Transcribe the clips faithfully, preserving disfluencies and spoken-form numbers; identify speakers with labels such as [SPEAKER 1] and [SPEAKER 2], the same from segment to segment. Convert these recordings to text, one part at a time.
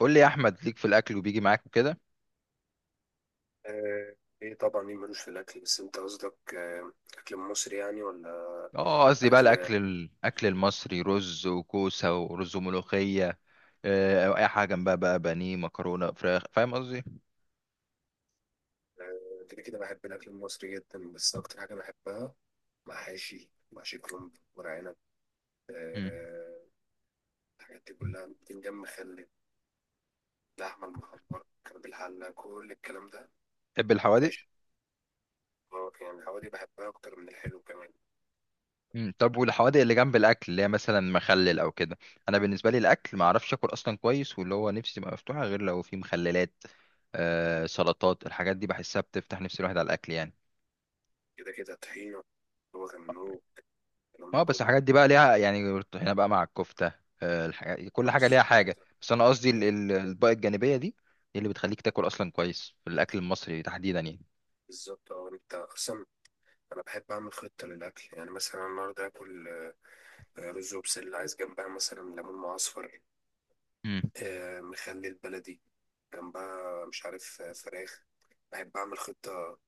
[SPEAKER 1] قول لي يا احمد، ليك في الاكل وبيجي معاك وكده.
[SPEAKER 2] آه، ايه طبعا، مين ملوش في الاكل؟ بس انت قصدك آه، اكل مصري، يعني، ولا
[SPEAKER 1] اه قصدي بقى
[SPEAKER 2] اكل؟
[SPEAKER 1] الاكل الاكل المصري، رز وكوسه ورز وملوخيه. آه، او اي حاجه جنبها بقى بانيه مكرونه فراخ، فاهم قصدي؟
[SPEAKER 2] آه، كده كده بحب الاكل المصري جدا، بس اكتر حاجه بحبها محاشي، محشي كرنب، ورق عنب.
[SPEAKER 1] مم.
[SPEAKER 2] آه، الحاجات دي كلها بتنجم مخلل، اللحمه المحمره كان بالحله، كل الكلام ده،
[SPEAKER 1] تحب الحوادق؟
[SPEAKER 2] عيش. آه، يعني الحوادق بحبها اكتر من الحلو كمان.
[SPEAKER 1] مم. طب والحوادق اللي جنب الاكل اللي هي مثلا مخلل او كده. انا بالنسبه لي الاكل ما اعرفش اكل اصلا كويس، واللي هو نفسي تبقى مفتوحه غير لو في مخللات. آه، سلطات، الحاجات دي بحسها بتفتح نفس الواحد على الاكل يعني.
[SPEAKER 2] كده كده طحينه، هو كان الكلام
[SPEAKER 1] اه
[SPEAKER 2] ده
[SPEAKER 1] بس
[SPEAKER 2] كله.
[SPEAKER 1] الحاجات دي بقى ليها يعني هنا بقى مع الكفتة. آه، الحاجات، كل
[SPEAKER 2] آه،
[SPEAKER 1] حاجة ليها
[SPEAKER 2] بالظبط
[SPEAKER 1] حاجة،
[SPEAKER 2] انت.
[SPEAKER 1] بس أنا قصدي ال- ال- الأطباق الجانبية دي هي اللي بتخليك تاكل أصلا كويس في الأكل المصري تحديدا يعني.
[SPEAKER 2] بالظبط، اه، انت اصلا، انا بحب اعمل خطه للاكل، يعني مثلا النهارده اكل آه، رز وبسله، عايز جنبها مثلا ليمون معصفر،
[SPEAKER 1] مم.
[SPEAKER 2] آه، مخلي البلدي، جنبها مش عارف، آه، فراخ. بحب اعمل خطه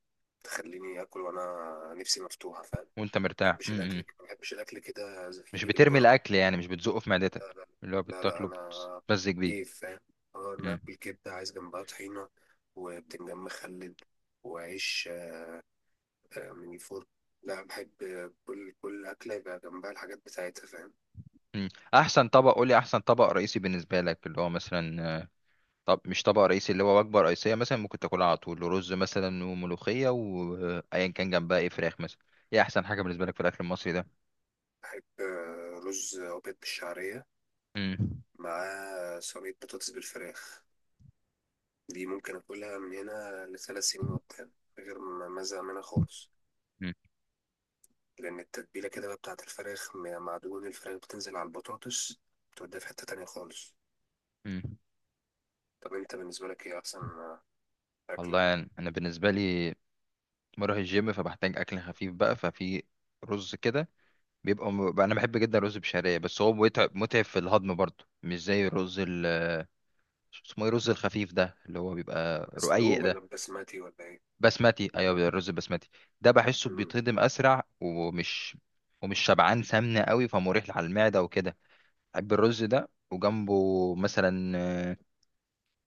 [SPEAKER 2] تخليني اكل وانا نفسي مفتوحه، فاهم؟ ما
[SPEAKER 1] وأنت مرتاح.
[SPEAKER 2] بحبش
[SPEAKER 1] مم. مم.
[SPEAKER 2] الاكل ما بحبش الاكل كده، زي-
[SPEAKER 1] مش
[SPEAKER 2] يجي
[SPEAKER 1] بترمي
[SPEAKER 2] بالبركه.
[SPEAKER 1] الأكل يعني، مش بتزقه في
[SPEAKER 2] لا
[SPEAKER 1] معدتك
[SPEAKER 2] لا،
[SPEAKER 1] اللي هو
[SPEAKER 2] لا لا،
[SPEAKER 1] بتاكله،
[SPEAKER 2] انا
[SPEAKER 1] بتتمزج بيه.
[SPEAKER 2] كيف، فاهم؟ اه، انا
[SPEAKER 1] مم.
[SPEAKER 2] اكل كبده عايز جنبها طحينه، وبتنجان مخلل، وعيش، آه، آه، من الفرن. لا، بحب آه، كل كل اكله يبقى جنبها الحاجات بتاعتها، فاهم؟
[SPEAKER 1] مم. أحسن طبق، قولي أحسن طبق رئيسي بالنسبة لك، اللي هو مثلا آه، طب مش طبق رئيسي، اللي هو وجبة رئيسية مثلا ممكن تاكلها على طول، رز مثلا وملوخية وأيا كان جنبها إيه، فراخ مثلا. إيه أحسن حاجة بالنسبة لك في الأكل المصري ده؟
[SPEAKER 2] بحب آه، رز أبيض بالشعرية
[SPEAKER 1] مم.
[SPEAKER 2] مع صينية بطاطس بالفراخ. دي ممكن أكلها من هنا لثلاث سنين قدام، من غير ما ما أزهق منها خالص.
[SPEAKER 1] مم.
[SPEAKER 2] لأن التتبيلة كده بقى بتاعة الفراخ، م- مع دهون الفراخ بتنزل على البطاطس، بتوديها في حتة تانية خالص.
[SPEAKER 1] مم.
[SPEAKER 2] طب أنت بالنسبة لك إيه أحسن آه، أكلة؟
[SPEAKER 1] والله يعني انا بالنسبه لي بروح الجيم فبحتاج اكل خفيف بقى، ففي رز كده بيبقى م... بقى انا بحب جدا الرز بشعريه، بس هو متعب متعب في الهضم برضه، مش زي الرز ال... اسمه ايه الرز الخفيف ده اللي هو بيبقى
[SPEAKER 2] مسلوق
[SPEAKER 1] رقيق ده؟
[SPEAKER 2] ولا بسمتي ولا إيه؟
[SPEAKER 1] بسمتي، ايوه الرز البسمتي ده بحسه
[SPEAKER 2] مم.
[SPEAKER 1] بيتهضم اسرع ومش ومش شبعان سمنه قوي، فمريح على المعده وكده. بحب الرز ده وجنبه مثلا، آه،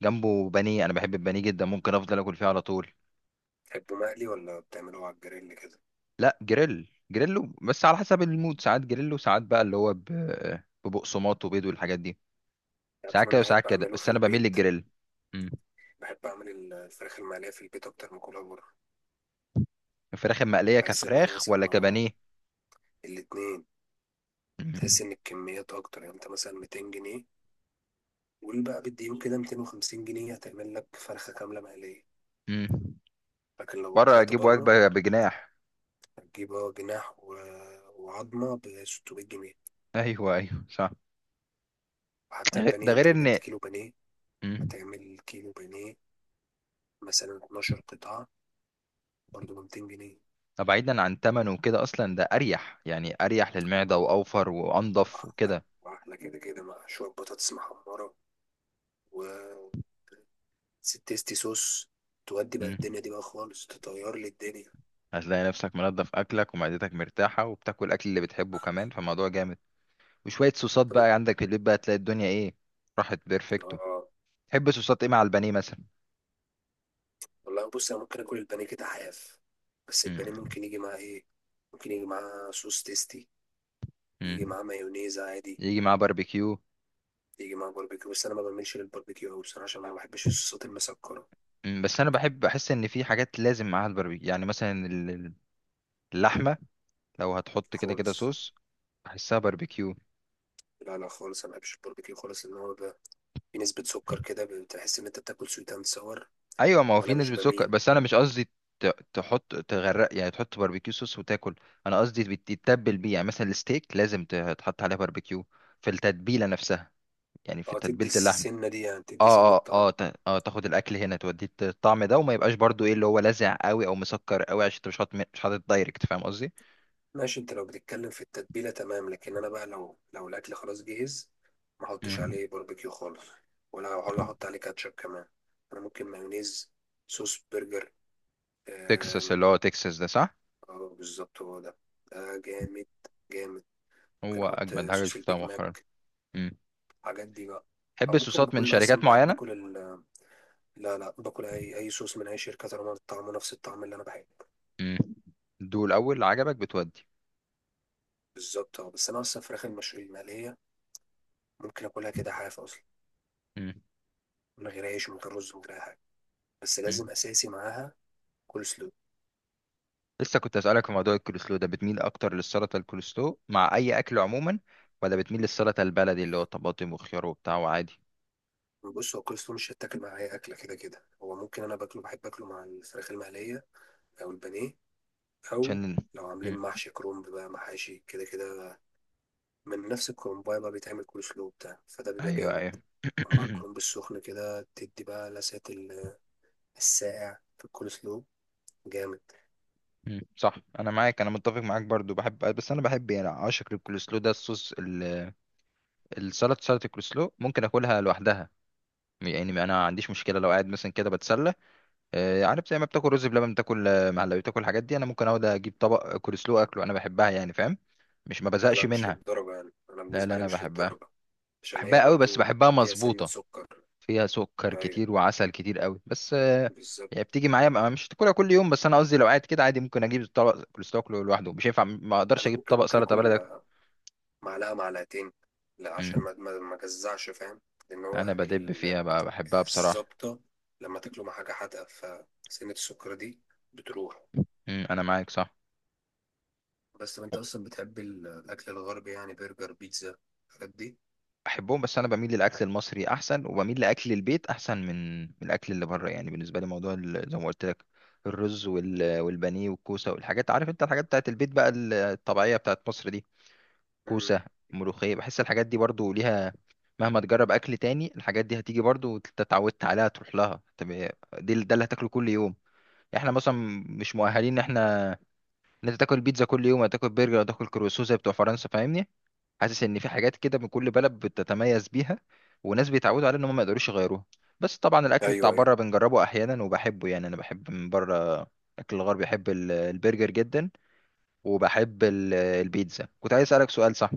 [SPEAKER 1] جنبه بانيه. انا بحب البانيه جدا، ممكن افضل اكل فيه على طول.
[SPEAKER 2] تحبه مقلي ولا بتعمله على الجريل كده؟
[SPEAKER 1] لا جريل، جريلو، بس على حسب المود، ساعات جريلو ساعات بقى اللي هو ب- ببقسماط وبيض والحاجات دي، ساعات
[SPEAKER 2] عشان أنا
[SPEAKER 1] كده
[SPEAKER 2] بحب
[SPEAKER 1] وساعات كده
[SPEAKER 2] أعمله في
[SPEAKER 1] بس انا بميل
[SPEAKER 2] البيت.
[SPEAKER 1] للجريل. مم.
[SPEAKER 2] بحب أعمل الفراخ المقلية في البيت أكتر من كلها بره.
[SPEAKER 1] الفراخ المقليه
[SPEAKER 2] بحس إن أنا
[SPEAKER 1] كفراخ
[SPEAKER 2] مثلا
[SPEAKER 1] ولا
[SPEAKER 2] آه
[SPEAKER 1] كبانيه؟
[SPEAKER 2] الاتنين،
[SPEAKER 1] مم.
[SPEAKER 2] تحس ان الكميات اكتر. يعني انت مثلا مئتين جنيه، قول بقى بالديون كده مئتين وخمسين جنيه، هتعمل لك فرخه كامله مقليه.
[SPEAKER 1] مم.
[SPEAKER 2] لكن لو
[SPEAKER 1] بره
[SPEAKER 2] طلعت
[SPEAKER 1] اجيب
[SPEAKER 2] بره
[SPEAKER 1] وجبه بجناح.
[SPEAKER 2] هتجيب، اه، جناح و... وعظمه ب ستمية جنيه.
[SPEAKER 1] ايوه ايوه صح.
[SPEAKER 2] وحتى
[SPEAKER 1] غ- ده
[SPEAKER 2] البانيه، انت
[SPEAKER 1] غير
[SPEAKER 2] لو جبت
[SPEAKER 1] ان،
[SPEAKER 2] كيلو بانيه،
[SPEAKER 1] مم،
[SPEAKER 2] هتعمل كيلو بانيه مثلا اثنا عشر قطعه برضه ب مئتين جنيه.
[SPEAKER 1] طب بعيدا عن تمنه وكده اصلا ده اريح يعني، اريح للمعده واوفر وانضف
[SPEAKER 2] واحلى،
[SPEAKER 1] وكده.
[SPEAKER 2] واحلى كده كده، مع شويه بطاطس محمره و ست تيستي صوص، تودي بقى
[SPEAKER 1] مم.
[SPEAKER 2] الدنيا دي بقى خالص، تطير لي الدنيا.
[SPEAKER 1] هتلاقي نفسك منظف اكلك ومعدتك مرتاحه وبتاكل الاكل اللي بتحبه كمان، فالموضوع جامد. وشوية صوصات
[SPEAKER 2] طيب،
[SPEAKER 1] بقى عندك اللي بقى تلاقي الدنيا ايه، راحت بيرفكتو.
[SPEAKER 2] اه.
[SPEAKER 1] تحب صوصات ايه مع البانيه مثلا؟
[SPEAKER 2] والله بص، انا ممكن اكل البانيه كده حاف، بس
[SPEAKER 1] مم.
[SPEAKER 2] البانيه ممكن يجي معاه ايه؟ ممكن يجي معاه صوص تيستي، يجي
[SPEAKER 1] مم.
[SPEAKER 2] معاه مايونيز عادي،
[SPEAKER 1] يجي معاه باربيكيو.
[SPEAKER 2] يجي معاه باربيكيو. بس انا ما بعملش للباربيكيو قوي بصراحه، عشان انا ما بحبش الصوصات المسكره
[SPEAKER 1] مم. بس انا بحب، بحس ان في حاجات لازم معاها الباربيكيو، يعني مثلا ال- ال- اللحمة، لو هتحط كده كده
[SPEAKER 2] خالص.
[SPEAKER 1] صوص بحسها باربيكيو.
[SPEAKER 2] لا لا، خالص، انا ما بحبش الباربيكيو خالص، لان هو بقى في نسبه سكر، كده بتحس ان انت بتاكل سويت اند ساور،
[SPEAKER 1] ايوه، ما هو في
[SPEAKER 2] وانا مش
[SPEAKER 1] نسبة سكر،
[SPEAKER 2] بميل.
[SPEAKER 1] بس انا مش قصدي ت- تحط تغرق يعني، تحط باربيكيو صوص وتاكل. انا قصدي بت- تتبل بيه، يعني مثلا الستيك لازم ت- تحط عليه باربيكيو، في التتبيلة نفسها، يعني في
[SPEAKER 2] اه، تدي
[SPEAKER 1] تتبيلة اللحمة.
[SPEAKER 2] السنه دي، يعني تدي سنه
[SPEAKER 1] اه اه
[SPEAKER 2] طعم.
[SPEAKER 1] اه تا- اه تاخد الاكل هنا توديه الطعم ده، وما يبقاش برضو ايه اللي هو لاذع قوي او مسكر قوي، عشان انت مش حاطط مش حاطط دايركت، فاهم قصدي؟
[SPEAKER 2] ماشي، انت لو بتتكلم في التتبيلة، تمام. لكن انا بقى لو لو الاكل خلاص جهز، ما احطش
[SPEAKER 1] مم.
[SPEAKER 2] عليه باربيكيو خالص، ولا ولا احط عليه كاتشب كمان. انا ممكن مايونيز، صوص برجر،
[SPEAKER 1] تكساس،
[SPEAKER 2] آم،
[SPEAKER 1] اللي هو تكساس ده صح؟
[SPEAKER 2] اه، بالظبط هو ده، ده جامد، جامد. ممكن
[SPEAKER 1] هو
[SPEAKER 2] احط
[SPEAKER 1] اجمد حاجه
[SPEAKER 2] صوص
[SPEAKER 1] شفتها
[SPEAKER 2] البيج
[SPEAKER 1] مؤخرا.
[SPEAKER 2] ماك،
[SPEAKER 1] مم.
[SPEAKER 2] الحاجات دي بقى.
[SPEAKER 1] تحب
[SPEAKER 2] او ممكن
[SPEAKER 1] الصوصات من
[SPEAKER 2] باكل
[SPEAKER 1] شركات
[SPEAKER 2] اصلا، بحب
[SPEAKER 1] معينه؟
[SPEAKER 2] باكل ال... لا لا، باكل اي اي صوص من اي شركه، طالما طعمه نفس الطعم اللي انا بحبه.
[SPEAKER 1] مم. دول الاول اللي عجبك بتودي.
[SPEAKER 2] بالظبط، اه، بس انا اصلا فراخ المشوي المقليه ممكن اكلها كده حاف اصلا،
[SPEAKER 1] مم.
[SPEAKER 2] من غير عيش، من غير رز، من غير اي حاجه، بس
[SPEAKER 1] مم.
[SPEAKER 2] لازم اساسي معاها كول سلو.
[SPEAKER 1] لسه كنت اسالك في موضوع الكولسلو ده، بتميل اكتر للسلطه الكولسلو مع اي اكل عموما، ولا بتميل للسلطه البلدي اللي هو طماطم وخيار وبتاع وعادي؟
[SPEAKER 2] بص، هو كول سلو مش هيتاكل مع اي اكله كده كده، هو ممكن انا باكله، بحب اكله مع الفراخ المقليه او البانيه، او
[SPEAKER 1] عشان،
[SPEAKER 2] لو عاملين
[SPEAKER 1] مم،
[SPEAKER 2] محشي كرنب بقى، محاشي كده كده، من نفس الكرنبايه بقى بيتعمل كول سلو بتاع، فده بيبقى
[SPEAKER 1] ايوه
[SPEAKER 2] جامد
[SPEAKER 1] ايوه
[SPEAKER 2] مع الكرنب السخن. كده تدي بقى لسعة ال- الساقع في الكول سلو، جامد.
[SPEAKER 1] مم. صح، انا معاك، انا متفق معاك برضو، بحب، بس انا بحب يعني اعشق الكولسلو ده، الصوص ال- السلطه، سلطه الكولسلو ممكن اكلها لوحدها. يعني انا ما عنديش مشكله لو قاعد مثلا كده بتسلى، آه، عارف، زي ما بتاكل رز بلبن، بتاكل آه، مهلبيه، بتاكل الحاجات دي، انا ممكن اقعد اجيب طبق كولسلو اكله، انا بحبها يعني، فاهم؟ مش، ما بزهقش
[SPEAKER 2] لا، مش
[SPEAKER 1] منها.
[SPEAKER 2] للدرجة، يعني أنا
[SPEAKER 1] لا لا
[SPEAKER 2] بالنسبة لي
[SPEAKER 1] انا
[SPEAKER 2] مش
[SPEAKER 1] بحبها،
[SPEAKER 2] للدرجة، عشان هي
[SPEAKER 1] بحبها قوي، بس
[SPEAKER 2] برضو
[SPEAKER 1] بحبها
[SPEAKER 2] فيها سنة
[SPEAKER 1] مظبوطه،
[SPEAKER 2] سكر.
[SPEAKER 1] فيها سكر
[SPEAKER 2] أيوة،
[SPEAKER 1] كتير وعسل كتير قوي، بس آه،
[SPEAKER 2] بالظبط.
[SPEAKER 1] يعني بتيجي معايا بقى، مش تاكلها كل يوم، بس انا قصدي لو قاعد كده عادي ممكن اجيب طبق كولسلو اكله لوحده، مش هينفع، ما اقدرش
[SPEAKER 2] أنا
[SPEAKER 1] اجيب
[SPEAKER 2] ممكن
[SPEAKER 1] طبق
[SPEAKER 2] ممكن
[SPEAKER 1] سلطه بلدي
[SPEAKER 2] آكل
[SPEAKER 1] اكله.
[SPEAKER 2] معلقة معلقتين، لا عشان
[SPEAKER 1] مم.
[SPEAKER 2] ما ما ما جزعش، فاهم؟ لأن هو
[SPEAKER 1] انا بدب
[SPEAKER 2] ال-
[SPEAKER 1] فيها بقى، بحبها بصراحه.
[SPEAKER 2] الزبطة لما تاكله مع حاجة حادقة، فسنة السكر دي بتروح.
[SPEAKER 1] مم. انا معاك صح.
[SPEAKER 2] بس طب أنت أصلا بتحب ال- الأكل الغربي؟ يعني برجر، بيتزا، الحاجات دي؟
[SPEAKER 1] احبهم، بس انا بميل للاكل المصري احسن، وبميل لاكل البيت احسن من من الاكل اللي بره، يعني بالنسبه لي موضوع ال- زي ما قلت لك، الرز وال- والبانيه والكوسه والحاجات، عارف انت الحاجات بتاعت البيت بقى، الطبيعيه بتاعت مصر دي،
[SPEAKER 2] مم.
[SPEAKER 1] كوسة، ملوخية، بحس الحاجات دي برضو ليها، مهما تجرب أكل تاني الحاجات دي هتيجي برضو، انت اتعودت عليها تروح لها. طب دي ده اللي هتاكله كل يوم، يعني احنا مثلا مش مؤهلين ان احنا، ان انت تاكل بيتزا كل يوم، هتاكل برجر، هتاكل كروسو زي بتوع فرنسا، فاهمني؟ حاسس ان في حاجات كده من كل بلد بتتميز بيها، وناس بيتعودوا عليها ان هم ما يقدروش يغيروها. بس طبعا الاكل بتاع
[SPEAKER 2] ايوه ايوه،
[SPEAKER 1] بره بنجربه احيانا وبحبه، يعني انا بحب من بره الاكل الغربي، بحب ال- البرجر جدا، وبحب ال- البيتزا. كنت عايز اسالك سؤال صح،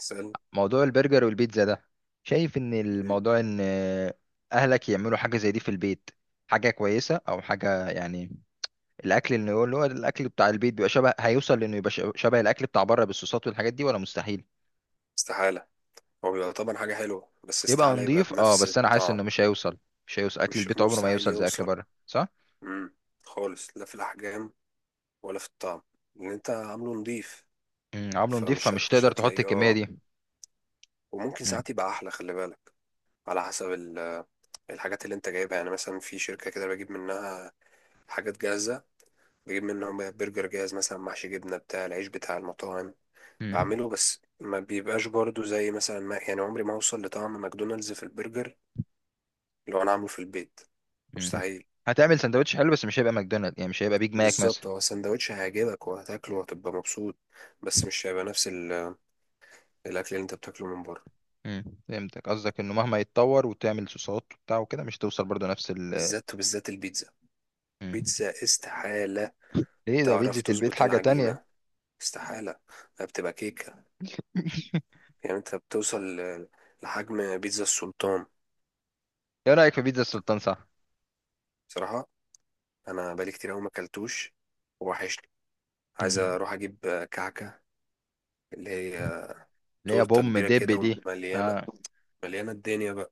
[SPEAKER 2] اسال.
[SPEAKER 1] موضوع البرجر والبيتزا ده، شايف ان
[SPEAKER 2] مم.
[SPEAKER 1] الموضوع ان، اهلك يعملوا حاجه زي دي في البيت، حاجه كويسه او حاجه يعني، الاكل اللي هو اللي هو الاكل بتاع البيت بيبقى شبه، هيوصل لانه يبقى ش- شبه الاكل بتاع بره بالصوصات والحاجات دي، ولا مستحيل
[SPEAKER 2] استحاله. هو بيبقى طبعا حاجه حلوه، بس
[SPEAKER 1] يبقى
[SPEAKER 2] استحاله يبقى
[SPEAKER 1] نضيف؟ اه
[SPEAKER 2] بنفس
[SPEAKER 1] بس انا حاسس انه
[SPEAKER 2] الطعم،
[SPEAKER 1] مش هيوصل، مش هيوصل اكل
[SPEAKER 2] مش
[SPEAKER 1] البيت، عمره ما
[SPEAKER 2] مستحيل
[SPEAKER 1] يوصل زي اكل
[SPEAKER 2] يوصل.
[SPEAKER 1] بره صح.
[SPEAKER 2] مم. خالص، لا في الاحجام ولا في الطعم اللي انت عامله نضيف،
[SPEAKER 1] امم، عمله نضيف،
[SPEAKER 2] فمش هت...
[SPEAKER 1] فمش
[SPEAKER 2] مش
[SPEAKER 1] تقدر تحط
[SPEAKER 2] هتلاقيه،
[SPEAKER 1] الكميه
[SPEAKER 2] اه.
[SPEAKER 1] دي.
[SPEAKER 2] وممكن
[SPEAKER 1] امم.
[SPEAKER 2] ساعات يبقى احلى، خلي بالك، على حسب ال- الحاجات اللي انت جايبها. يعني مثلا في شركة كده بجيب منها حاجات جاهزة، بجيب منهم برجر جاهز مثلا محشي جبنة بتاع العيش بتاع المطاعم،
[SPEAKER 1] امم.
[SPEAKER 2] بعمله. بس ما بيبقاش برضو زي مثلا، ما يعني عمري ما اوصل لطعم ماكدونالدز في البرجر لو انا عامله في البيت،
[SPEAKER 1] امم،
[SPEAKER 2] مستحيل.
[SPEAKER 1] هتعمل سندوتش حلو بس مش هيبقى ماكدونالد، يعني مش هيبقى بيج ماك مثلا.
[SPEAKER 2] بالظبط، هو سندوتش هيعجبك وهتاكله وهتبقى مبسوط، بس مش هيبقى نفس ال- الاكل اللي انت بتاكله من بره.
[SPEAKER 1] امم، فهمتك، قصدك انه مهما يتطور وتعمل صوصات وبتاع وكده، مش هتوصل برضو نفس ال...
[SPEAKER 2] بالذات، وبالذات البيتزا،
[SPEAKER 1] مم.
[SPEAKER 2] بيتزا استحالة
[SPEAKER 1] ليه؟ ده
[SPEAKER 2] تعرف
[SPEAKER 1] بيتزا البيت
[SPEAKER 2] تظبط
[SPEAKER 1] حاجة تانية.
[SPEAKER 2] العجينة، استحالة، ده بتبقى كيكة. يعني انت بتوصل ل- لحجم بيتزا السلطان.
[SPEAKER 1] ايه رأيك في بيتزا السلطان صح؟
[SPEAKER 2] بصراحة انا بقالي كتير اوي ما اكلتوش، ووحشني، عايز
[SPEAKER 1] مم.
[SPEAKER 2] اروح اجيب كعكة، اللي هي
[SPEAKER 1] اللي هي
[SPEAKER 2] تورتة
[SPEAKER 1] بوم
[SPEAKER 2] كبيرة
[SPEAKER 1] دب
[SPEAKER 2] كده
[SPEAKER 1] دي.
[SPEAKER 2] ومليانة،
[SPEAKER 1] آه.
[SPEAKER 2] مليانة الدنيا بقى.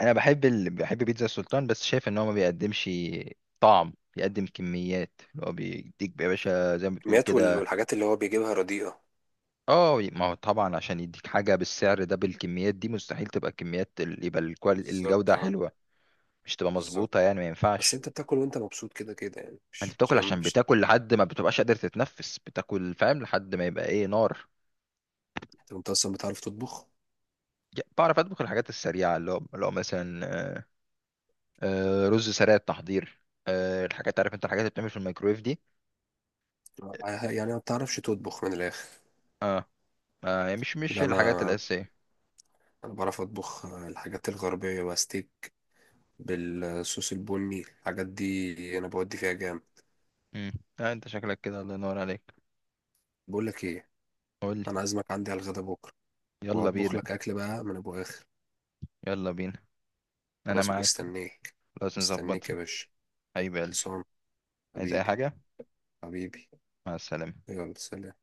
[SPEAKER 1] انا بحب ال... بحب بيتزا السلطان، بس شايف ان هو ما بيقدمش طعم، بيقدم كميات، اللي هو بيديك يا باشا زي ما بتقول
[SPEAKER 2] الكميات وال-
[SPEAKER 1] كده.
[SPEAKER 2] والحاجات اللي هو بيجيبها رديئة.
[SPEAKER 1] اه، ما هو طبعا عشان يديك حاجة بالسعر ده بالكميات دي، مستحيل تبقى كميات ال- يبقى الكوال-
[SPEAKER 2] بالظبط،
[SPEAKER 1] الجودة
[SPEAKER 2] اه،
[SPEAKER 1] حلوة. مش تبقى
[SPEAKER 2] بالظبط.
[SPEAKER 1] مظبوطة يعني، ما
[SPEAKER 2] بس
[SPEAKER 1] ينفعش.
[SPEAKER 2] انت بتاكل وانت مبسوط كده كده، يعني
[SPEAKER 1] انت
[SPEAKER 2] مش مش
[SPEAKER 1] بتاكل عشان
[SPEAKER 2] مش
[SPEAKER 1] بتاكل، لحد ما بتبقاش قادر تتنفس بتاكل، فاهم، لحد ما يبقى ايه، نار.
[SPEAKER 2] طب انت اصلا بتعرف تطبخ؟
[SPEAKER 1] ج- بعرف اطبخ الحاجات السريعه، اللي هو اللي هو مثلا، آه، آه، رز سريع التحضير، آه، الحاجات، عارف انت الحاجات اللي بتعمل في الميكرويف دي.
[SPEAKER 2] اه، يعني ما بتعرفش تطبخ من الاخر.
[SPEAKER 1] ما هي مش مش
[SPEAKER 2] لا،
[SPEAKER 1] الحاجات
[SPEAKER 2] انا
[SPEAKER 1] الاساسيه.
[SPEAKER 2] انا بعرف اطبخ الحاجات الغربية بقى، ستيك بالصوص البني، الحاجات دي انا بودي فيها جامد.
[SPEAKER 1] امم. آه انت شكلك كده، الله ينور عليك.
[SPEAKER 2] بقول لك ايه،
[SPEAKER 1] قول لي.
[SPEAKER 2] انا عازمك عندي على الغدا بكره،
[SPEAKER 1] يلا
[SPEAKER 2] وهطبخ
[SPEAKER 1] بينا.
[SPEAKER 2] لك اكل بقى من ابو اخر.
[SPEAKER 1] يلا بينا، انا
[SPEAKER 2] خلاص
[SPEAKER 1] معاك،
[SPEAKER 2] مستنيك،
[SPEAKER 1] لازم نظبط.
[SPEAKER 2] مستنيك يا باشا،
[SPEAKER 1] حبيب قلبي،
[SPEAKER 2] خلصان.
[SPEAKER 1] عايز اي
[SPEAKER 2] حبيبي،
[SPEAKER 1] حاجه؟
[SPEAKER 2] حبيبي،
[SPEAKER 1] مع السلامه.
[SPEAKER 2] يلا سلام.